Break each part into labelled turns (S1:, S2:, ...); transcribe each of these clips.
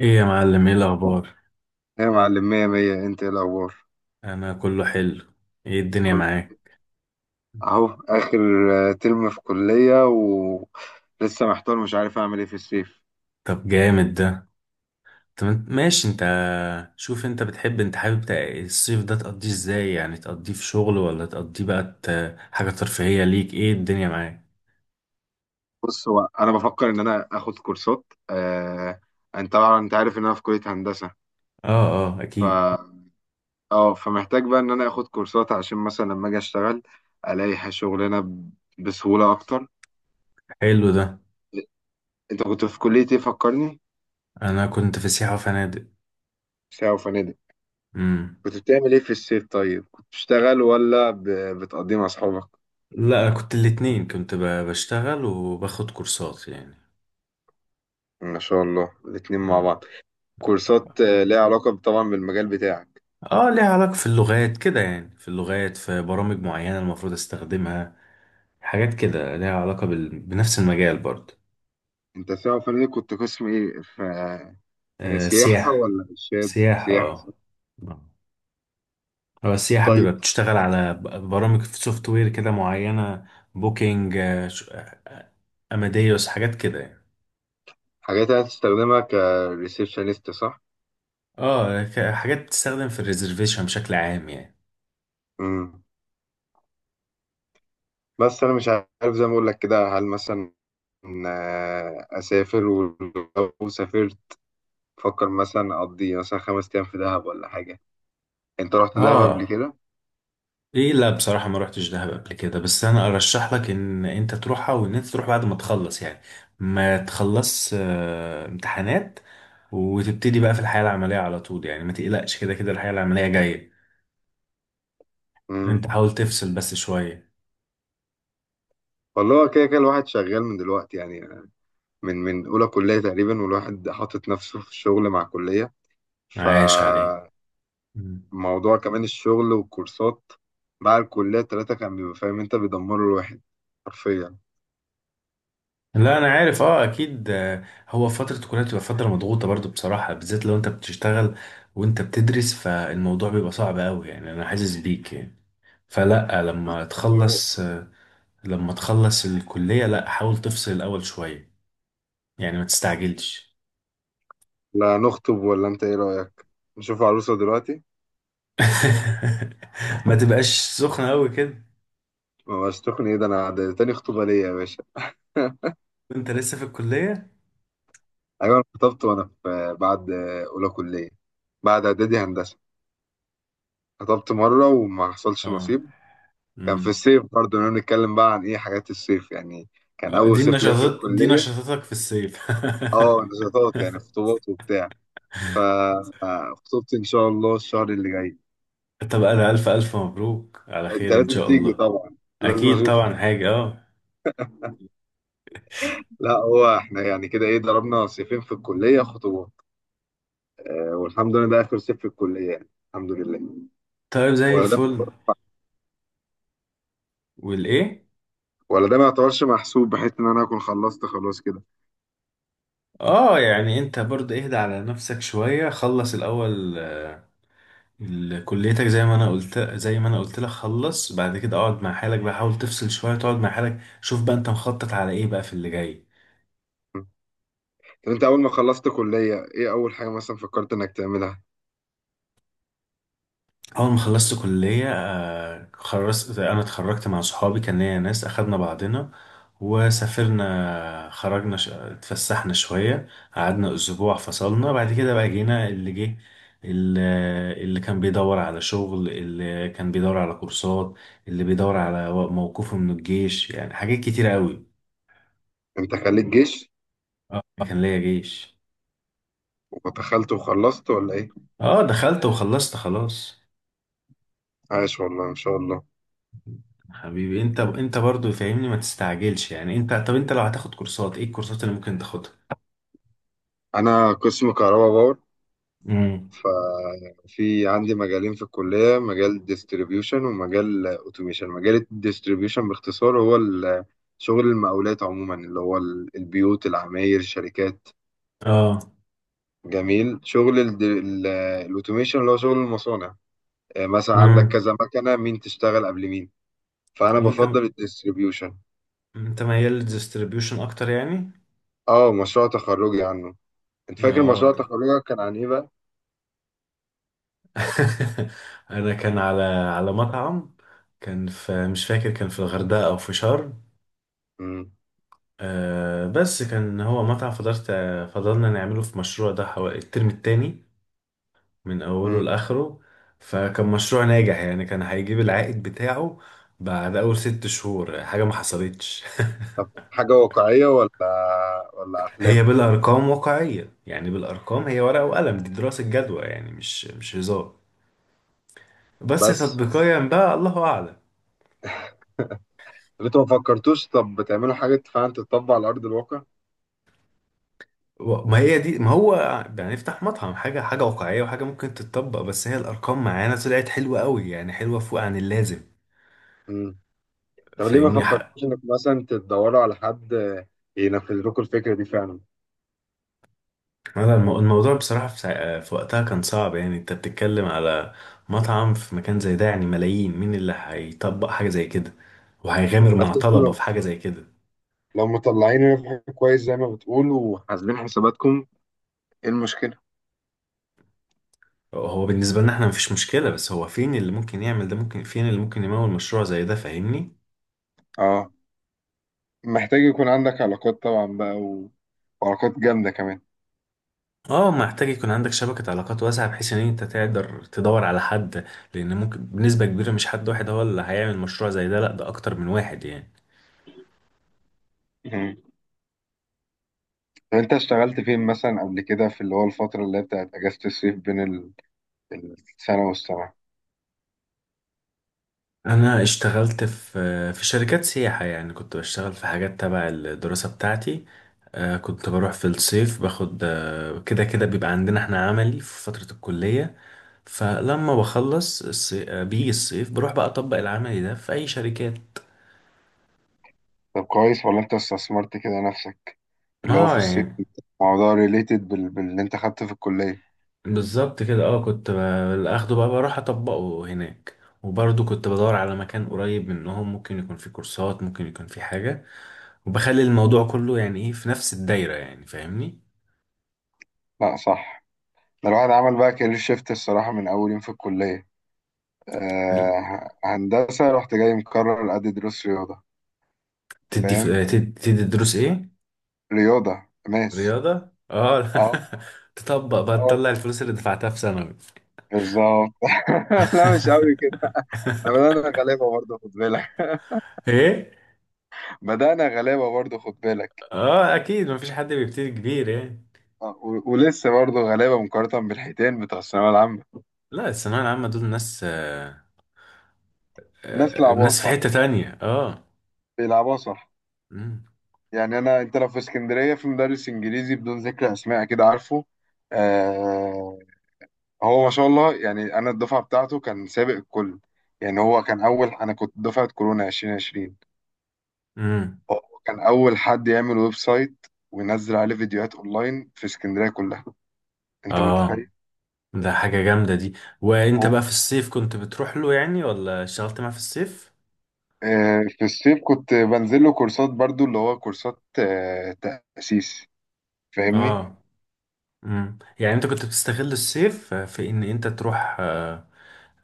S1: ايه يا معلم؟ ايه الاخبار؟
S2: يا معلم مية مية، انت ايه الاخبار؟
S1: انا كله حلو. ايه الدنيا
S2: كله
S1: معاك؟
S2: اهو اخر ترم في كلية ولسه محتار مش عارف اعمل ايه في الصيف.
S1: طب جامد ده. طب ماشي. انت شوف، انت حابب الصيف ده تقضيه ازاي؟ يعني تقضيه في شغل، ولا تقضيه بقى حاجة ترفيهية ليك؟ ايه الدنيا معاك؟
S2: بص، هو انا بفكر ان انا اخد كورسات. آه، انت طبعا انت عارف ان انا في كلية هندسة.
S1: اه. اه،
S2: ف
S1: اكيد.
S2: اه فمحتاج بقى ان انا اخد كورسات عشان مثلا لما اجي اشتغل الاقي شغلانة بسهولة اكتر.
S1: حلو ده.
S2: انت كنت في كلية ايه؟ فكرني.
S1: انا كنت في سياحة وفنادق.
S2: ساعة وفنادق؟
S1: امم.
S2: كنت بتعمل ايه في الصيف؟ طيب كنت بتشتغل ولا بتقضيه مع اصحابك؟
S1: لا، كنت الاتنين، كنت بشتغل وباخد كورسات يعني.
S2: ما شاء الله، الاتنين مع
S1: مم.
S2: بعض. كورسات، ليها علاقة طبعا بالمجال بتاعك.
S1: اه، ليها علاقة في اللغات كده، يعني في اللغات، في برامج معينة المفروض استخدمها. حاجات كده ليها علاقة بنفس المجال برضه.
S2: انت سواء فني كنت قسم ايه؟ ف
S1: آه،
S2: سياحة
S1: سياحة.
S2: ولا ارشاد؟
S1: سياحة
S2: سياحة
S1: اه.
S2: صح؟
S1: هو السياحة
S2: طيب.
S1: بيبقى بتشتغل على برامج في سوفت وير كده معينة. بوكينج، أماديوس، حاجات كده يعني.
S2: حاجات هتستخدمها كريسبشنست، صح؟
S1: اه، حاجات بتستخدم في الريزرفيشن بشكل عام يعني.
S2: مم. بس انا مش عارف، زي ما اقول لك كده، هل مثلا اسافر؟ ولو سافرت فكر مثلا اقضي مثلا خمس ايام في دهب ولا حاجة. انت رحت دهب قبل
S1: اه.
S2: كده؟
S1: ايه، لا بصراحة ما روحتش دهب قبل كده، بس انا ارشح لك ان انت تروحها، وان انت تروح بعد ما تخلص يعني. ما تخلص امتحانات، وتبتدي بقى في الحياة العملية على طول. يعني ما تقلقش، كده كده الحياة العملية جاية. انت
S2: مم.
S1: حاول تفصل بس شوية.
S2: والله هو كده كده الواحد شغال من دلوقتي يعني، من اولى كلية تقريبا، والواحد حاطط نفسه في الشغل مع كلية.
S1: عايش عليك.
S2: فموضوع
S1: مم.
S2: كمان الشغل والكورسات بعد الكلية التلاتة، كان بيبقى فاهم انت، بيدمروا الواحد حرفيا.
S1: لا انا عارف، اه اكيد. هو فترة الكلية بتبقى فترة مضغوطة برضو بصراحة، بالذات لو انت بتشتغل وانت بتدرس، فالموضوع بيبقى صعب قوي يعني، انا حاسس بيك يعني. فلا، لما
S2: يو-
S1: تخلص لما تخلص الكلية، لا حاول تفصل الأول شوية. يعني ما تستعجلش.
S2: لا نخطب ولا؟ انت ايه رأيك، نشوف عروسة دلوقتي؟
S1: ما تبقاش سخنة أوي كده.
S2: ما بقاش تخني، ايه ده؟ انا ده تاني خطوبة ليا يا باشا.
S1: وأنت لسه في الكلية!
S2: ايوه، انا خطبت وانا في بعد اولى كلية، بعد اعدادي هندسة. خطبت مرة وما حصلش
S1: اه.
S2: نصيب. كان في
S1: امم.
S2: الصيف برضه. انا بنتكلم بقى عن ايه؟ حاجات الصيف يعني. كان اول
S1: دي
S2: صيف ليا في
S1: النشاطات، دي
S2: الكلية.
S1: نشاطاتك في الصيف.
S2: اه، نشاطات يعني، خطوبات وبتاع. فخطوبتي ان شاء الله الشهر اللي جاي.
S1: طب أنا ألف ألف مبروك على
S2: انت
S1: خير إن
S2: لازم
S1: شاء
S2: تيجي
S1: الله.
S2: طبعا، لازم
S1: أكيد
S2: اشوفك.
S1: طبعا، حاجة اه.
S2: لا هو احنا يعني كده ايه، ضربنا صيفين في الكليه خطوبه. آه، والحمد لله ده اخر صيف في الكليه يعني. الحمد لله.
S1: طيب زي
S2: ولا ده،
S1: الفل. والإيه؟
S2: ولا ده ما يعتبرش محسوب، بحيث ان انا اكون خلصت خلاص كده.
S1: اه يعني أنت برضه اهدى على نفسك شوية، خلص الأول. كليتك، زي ما انا قلت زي ما انا قلت لك خلص. بعد كده اقعد مع حالك بقى، حاول تفصل شويه، تقعد مع حالك، شوف بقى انت مخطط على ايه بقى في اللي جاي.
S2: مم. طب انت اول ما خلصت كليه ايه اول حاجه مثلا فكرت انك تعملها؟
S1: اول ما خلصت كليه، خلصت، انا اتخرجت مع صحابي، كان ليا ناس اخدنا بعضنا وسافرنا، خرجنا اتفسحنا شويه، قعدنا اسبوع، فصلنا بعد كده بقى، جينا اللي جه. ال- اللي كان بيدور على شغل، اللي كان بيدور على كورسات، اللي بيدور على موقفه من الجيش، يعني حاجات كتيرة قوي.
S2: انت خليت جيش
S1: اه كان ليا جيش.
S2: ودخلت وخلصت ولا ايه؟
S1: اه دخلت وخلصت خلاص.
S2: عاش والله، ان شاء الله.
S1: حبيبي انت برضو فاهمني، ما تستعجلش يعني. طب انت لو هتاخد كورسات، ايه الكورسات اللي ممكن تاخدها؟
S2: انا قسم كهرباء باور.
S1: امم.
S2: ففي عندي مجالين في الكلية، مجال ديستريبيوشن ومجال اوتوميشن. مجال الديستريبيوشن باختصار هو شغل المقاولات عموما، اللي هو البيوت العماير الشركات.
S1: اه.
S2: جميل. شغل الاوتوميشن اللي هو شغل المصانع. آه، مثلا عندك
S1: امم.
S2: كذا مكنة، مين تشتغل قبل مين. فأنا
S1: وانت
S2: بفضل الديستريبيوشن.
S1: انت ميال للديستريبيوشن اكتر يعني.
S2: اه، مشروع تخرجي عنه. انت فاكر
S1: اه
S2: مشروع
S1: ده.
S2: تخرجك كان عن ايه بقى؟
S1: انا كان على مطعم، كان في، مش فاكر، كان في الغردقة او في شرم.
S2: مم.
S1: آه بس كان هو مطعم، فضلنا نعمله في مشروع ده حوالي الترم التاني من أوله
S2: مم.
S1: لآخره. فكان مشروع ناجح يعني، كان هيجيب العائد بتاعه بعد أول 6 شهور، حاجة ما حصلتش.
S2: طب حاجة واقعية ولا ولا
S1: هي
S2: أحلام؟
S1: بالأرقام واقعية، يعني بالأرقام، هي ورقة وقلم، دي دراسة جدوى يعني، مش هزار. بس
S2: بس
S1: تطبيقيا بقى الله أعلم.
S2: انتوا ما فكرتوش طب بتعملوا حاجة فعلا تتطبق على أرض الواقع؟
S1: ما هي دي، ما هو يعني افتح مطعم، حاجة واقعية وحاجة ممكن تتطبق، بس هي الأرقام معانا طلعت حلوة قوي يعني، حلوة فوق عن اللازم.
S2: مم. طب ليه ما
S1: فاهمني؟
S2: فكرتوش إنك مثلا تدوروا على حد ينفذ لكم الفكرة دي فعلا؟
S1: هذا الموضوع بصراحة في, سا... آه، في وقتها كان صعب، يعني انت بتتكلم على مطعم في مكان زي ده، يعني ملايين، مين اللي هيطبق حاجة زي كده وهيغامر
S2: بس
S1: مع
S2: انتوا
S1: طلبة
S2: لو
S1: في حاجة زي كده؟
S2: مطلعين ربح كويس زي ما بتقولوا وحاسبين حساباتكم، إيه المشكلة؟
S1: هو بالنسبة لنا احنا مفيش مشكلة، بس هو فين اللي ممكن يعمل ده؟ ممكن فين اللي ممكن يمول مشروع زي ده؟ فاهمني.
S2: اه، محتاج يكون عندك علاقات طبعا بقى، و... وعلاقات جامدة كمان.
S1: اه محتاج يكون عندك شبكة علاقات واسعة، بحيث ان انت تقدر تدور على حد، لان ممكن بنسبة كبيرة مش حد واحد هو اللي هيعمل مشروع زي ده، لا ده اكتر من واحد يعني.
S2: مم. طب انت اشتغلت فين مثلا قبل كده، في اللي هو الفترة اللي هي بتاعت أجازة الصيف بين السنة والسنة؟
S1: انا اشتغلت في شركات سياحة، يعني كنت بشتغل في حاجات تبع الدراسة بتاعتي. كنت بروح في الصيف باخد، كده كده بيبقى عندنا احنا عملي في فترة الكلية، فلما بخلص بيجي الصيف بروح بقى اطبق العملي ده في اي شركات.
S2: طب كويس، ولا انت استثمرت كده نفسك اللي هو في
S1: اه
S2: الصيف؟
S1: يعني
S2: موضوع ريليتد بال... باللي انت خدته في الكلية.
S1: بالظبط كده. اه كنت اخده بقى، بروح اطبقه هناك، وبرضه كنت بدور على مكان قريب منهم، ممكن يكون فيه كورسات، ممكن يكون فيه حاجة، وبخلي الموضوع كله يعني ايه في نفس الدايرة يعني. فاهمني؟
S2: لا صح. ده الواحد عمل بقى كارير شيفت الصراحة من أول يوم في الكلية. آه... هندسة، رحت جاي مكرر أدي دروس رياضة.
S1: تدي ف...
S2: فاهم؟
S1: تدي, تدي دروس ايه؟
S2: رياضة، ماس.
S1: رياضة اه.
S2: اه.
S1: تطبق بقى،
S2: اه والله.
S1: تطلع الفلوس اللي دفعتها في ثانوي.
S2: بالظبط. لا مش قوي كده، احنا بدأنا غلابة برضه خد بالك.
S1: ايه.
S2: بدأنا غلابة برضه خد بالك.
S1: اه اكيد، مفيش حد بيبتدي كبير يعني.
S2: آه، و... ولسه برضه غلابة مقارنة بالحيتان بتوع الثانوية العامة.
S1: لا الثانوية العامة دول ناس آه،
S2: ناس
S1: آه
S2: لعبوها
S1: ناس في
S2: صح،
S1: حتة تانية اه.
S2: بيلعبوها صح.
S1: امم.
S2: يعني انا، انت لو في اسكندريه في مدرس انجليزي بدون ذكر اسماء كده عارفه، آه، هو ما شاء الله، يعني انا الدفعه بتاعته كان سابق الكل. يعني هو كان اول، انا كنت دفعه كورونا 2020،
S1: امم.
S2: هو كان اول حد يعمل ويب سايت وينزل عليه فيديوهات اونلاين في اسكندريه كلها. انت
S1: اه
S2: متخيل؟
S1: ده حاجة جامدة دي. وانت
S2: هو
S1: بقى في الصيف كنت بتروح له يعني ولا اشتغلت معاه في الصيف؟
S2: آه، في الصيف كنت بنزل له كورسات برضو، اللي هو كورسات آه تاسيس. فاهمني؟
S1: اه. يعني انت كنت بتستغل الصيف في ان انت تروح،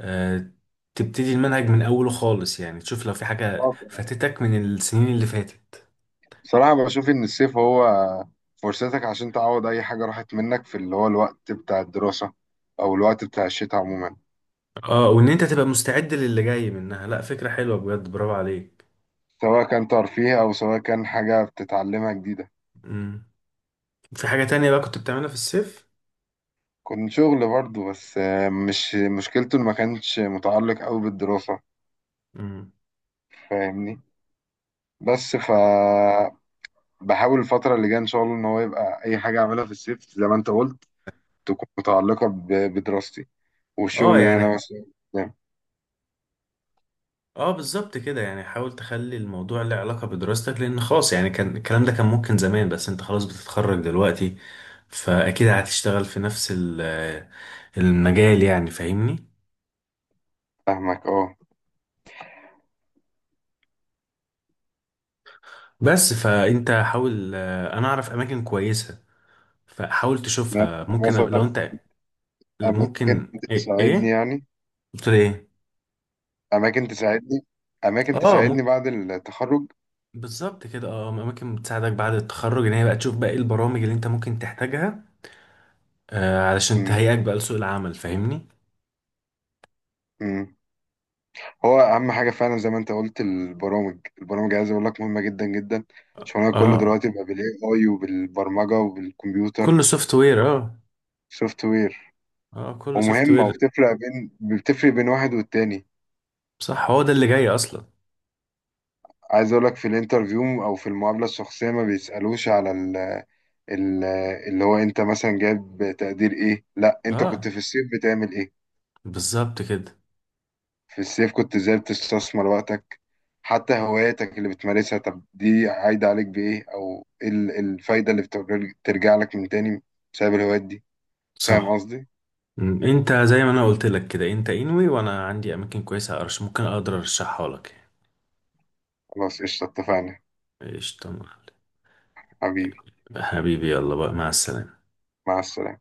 S1: آه، تبتدي المنهج من اوله خالص، يعني تشوف لو في حاجة فاتتك من السنين اللي فاتت.
S2: بصراحة بشوف إن الصيف هو فرصتك عشان تعوض أي حاجة راحت منك في اللي هو الوقت بتاع الدراسة، أو الوقت بتاع الشتاء عموما.
S1: اه وان انت تبقى مستعد للي جاي منها. لا فكرة حلوة بجد، برافو عليك.
S2: سواء كان ترفيه، أو سواء كان حاجة بتتعلمها جديدة.
S1: امم. في حاجة تانية بقى كنت بتعملها في الصيف؟
S2: كنت شغل برضه بس مش مشكلته إن ما كانش متعلق أوي بالدراسة.
S1: امم.
S2: فاهمني؟ بس ف بحاول الفترة اللي جاية إن شاء الله إن هو يبقى أي حاجة أعملها في الصيف، زي ما أنت قلت، تكون متعلقة بدراستي والشغل
S1: اه
S2: اللي
S1: يعني.
S2: أنا مثلا.
S1: اه بالظبط كده، يعني حاول تخلي الموضوع له علاقة بدراستك، لان خلاص يعني كان الكلام ده كان ممكن زمان، بس انت خلاص بتتخرج دلوقتي، فاكيد هتشتغل في نفس المجال يعني. فاهمني؟
S2: فاهمك. أه،
S1: بس فانت حاول، انا اعرف اماكن كويسة، فحاول
S2: يعني
S1: تشوفها ممكن لو
S2: مثلا
S1: انت.
S2: أماكن
S1: ممكن ايه
S2: تساعدني
S1: ايه؟
S2: يعني،
S1: قلت له ايه؟
S2: أماكن تساعدني، أماكن
S1: اه
S2: تساعدني
S1: ممكن.
S2: بعد التخرج.
S1: بالظبط كده، اه اماكن بتساعدك بعد التخرج، ان هي بقى تشوف بقى ايه البرامج اللي انت ممكن تحتاجها، علشان
S2: مم.
S1: تهيئك بقى لسوق العمل. فاهمني؟
S2: مم. هو أهم حاجة فعلا زي ما أنت قلت البرامج. البرامج عايز أقول لك مهمة جدا جدا. شغلنا كله
S1: اه
S2: دلوقتي بقى بال AI وبالبرمجة وبالكمبيوتر.
S1: كله سوفت وير اه.
S2: سوفت وير.
S1: اه كله سوفت
S2: ومهمة،
S1: وير.
S2: وبتفرق بين، بتفرق بين واحد والتاني.
S1: صح، هو ده اللي جاي اصلا.
S2: عايز أقول لك في الانترفيو أو في المقابلة الشخصية، ما بيسألوش على ال- اللي هو أنت مثلا جايب تقدير إيه، لا أنت كنت
S1: اه
S2: في الصيف بتعمل إيه.
S1: بالظبط كده.
S2: في الصيف كنت ازاي بتستثمر وقتك، حتى هواياتك اللي بتمارسها. طب دي عايدة عليك بإيه، أو إيه إيه الفايدة اللي بترجع لك من تاني بسبب الهوايات دي. فاهم
S1: صح.
S2: قصدي؟
S1: انت زي ما انا قلت لك كده، انت انوي وانا عندي اماكن كويسه، ممكن اقدر ارشحها لك.
S2: خلاص قشطة، اتفقنا.
S1: يعني. قشطه يا معلم.
S2: حبيبي
S1: حبيبي يلا بقى مع السلامه.
S2: مع السلامة.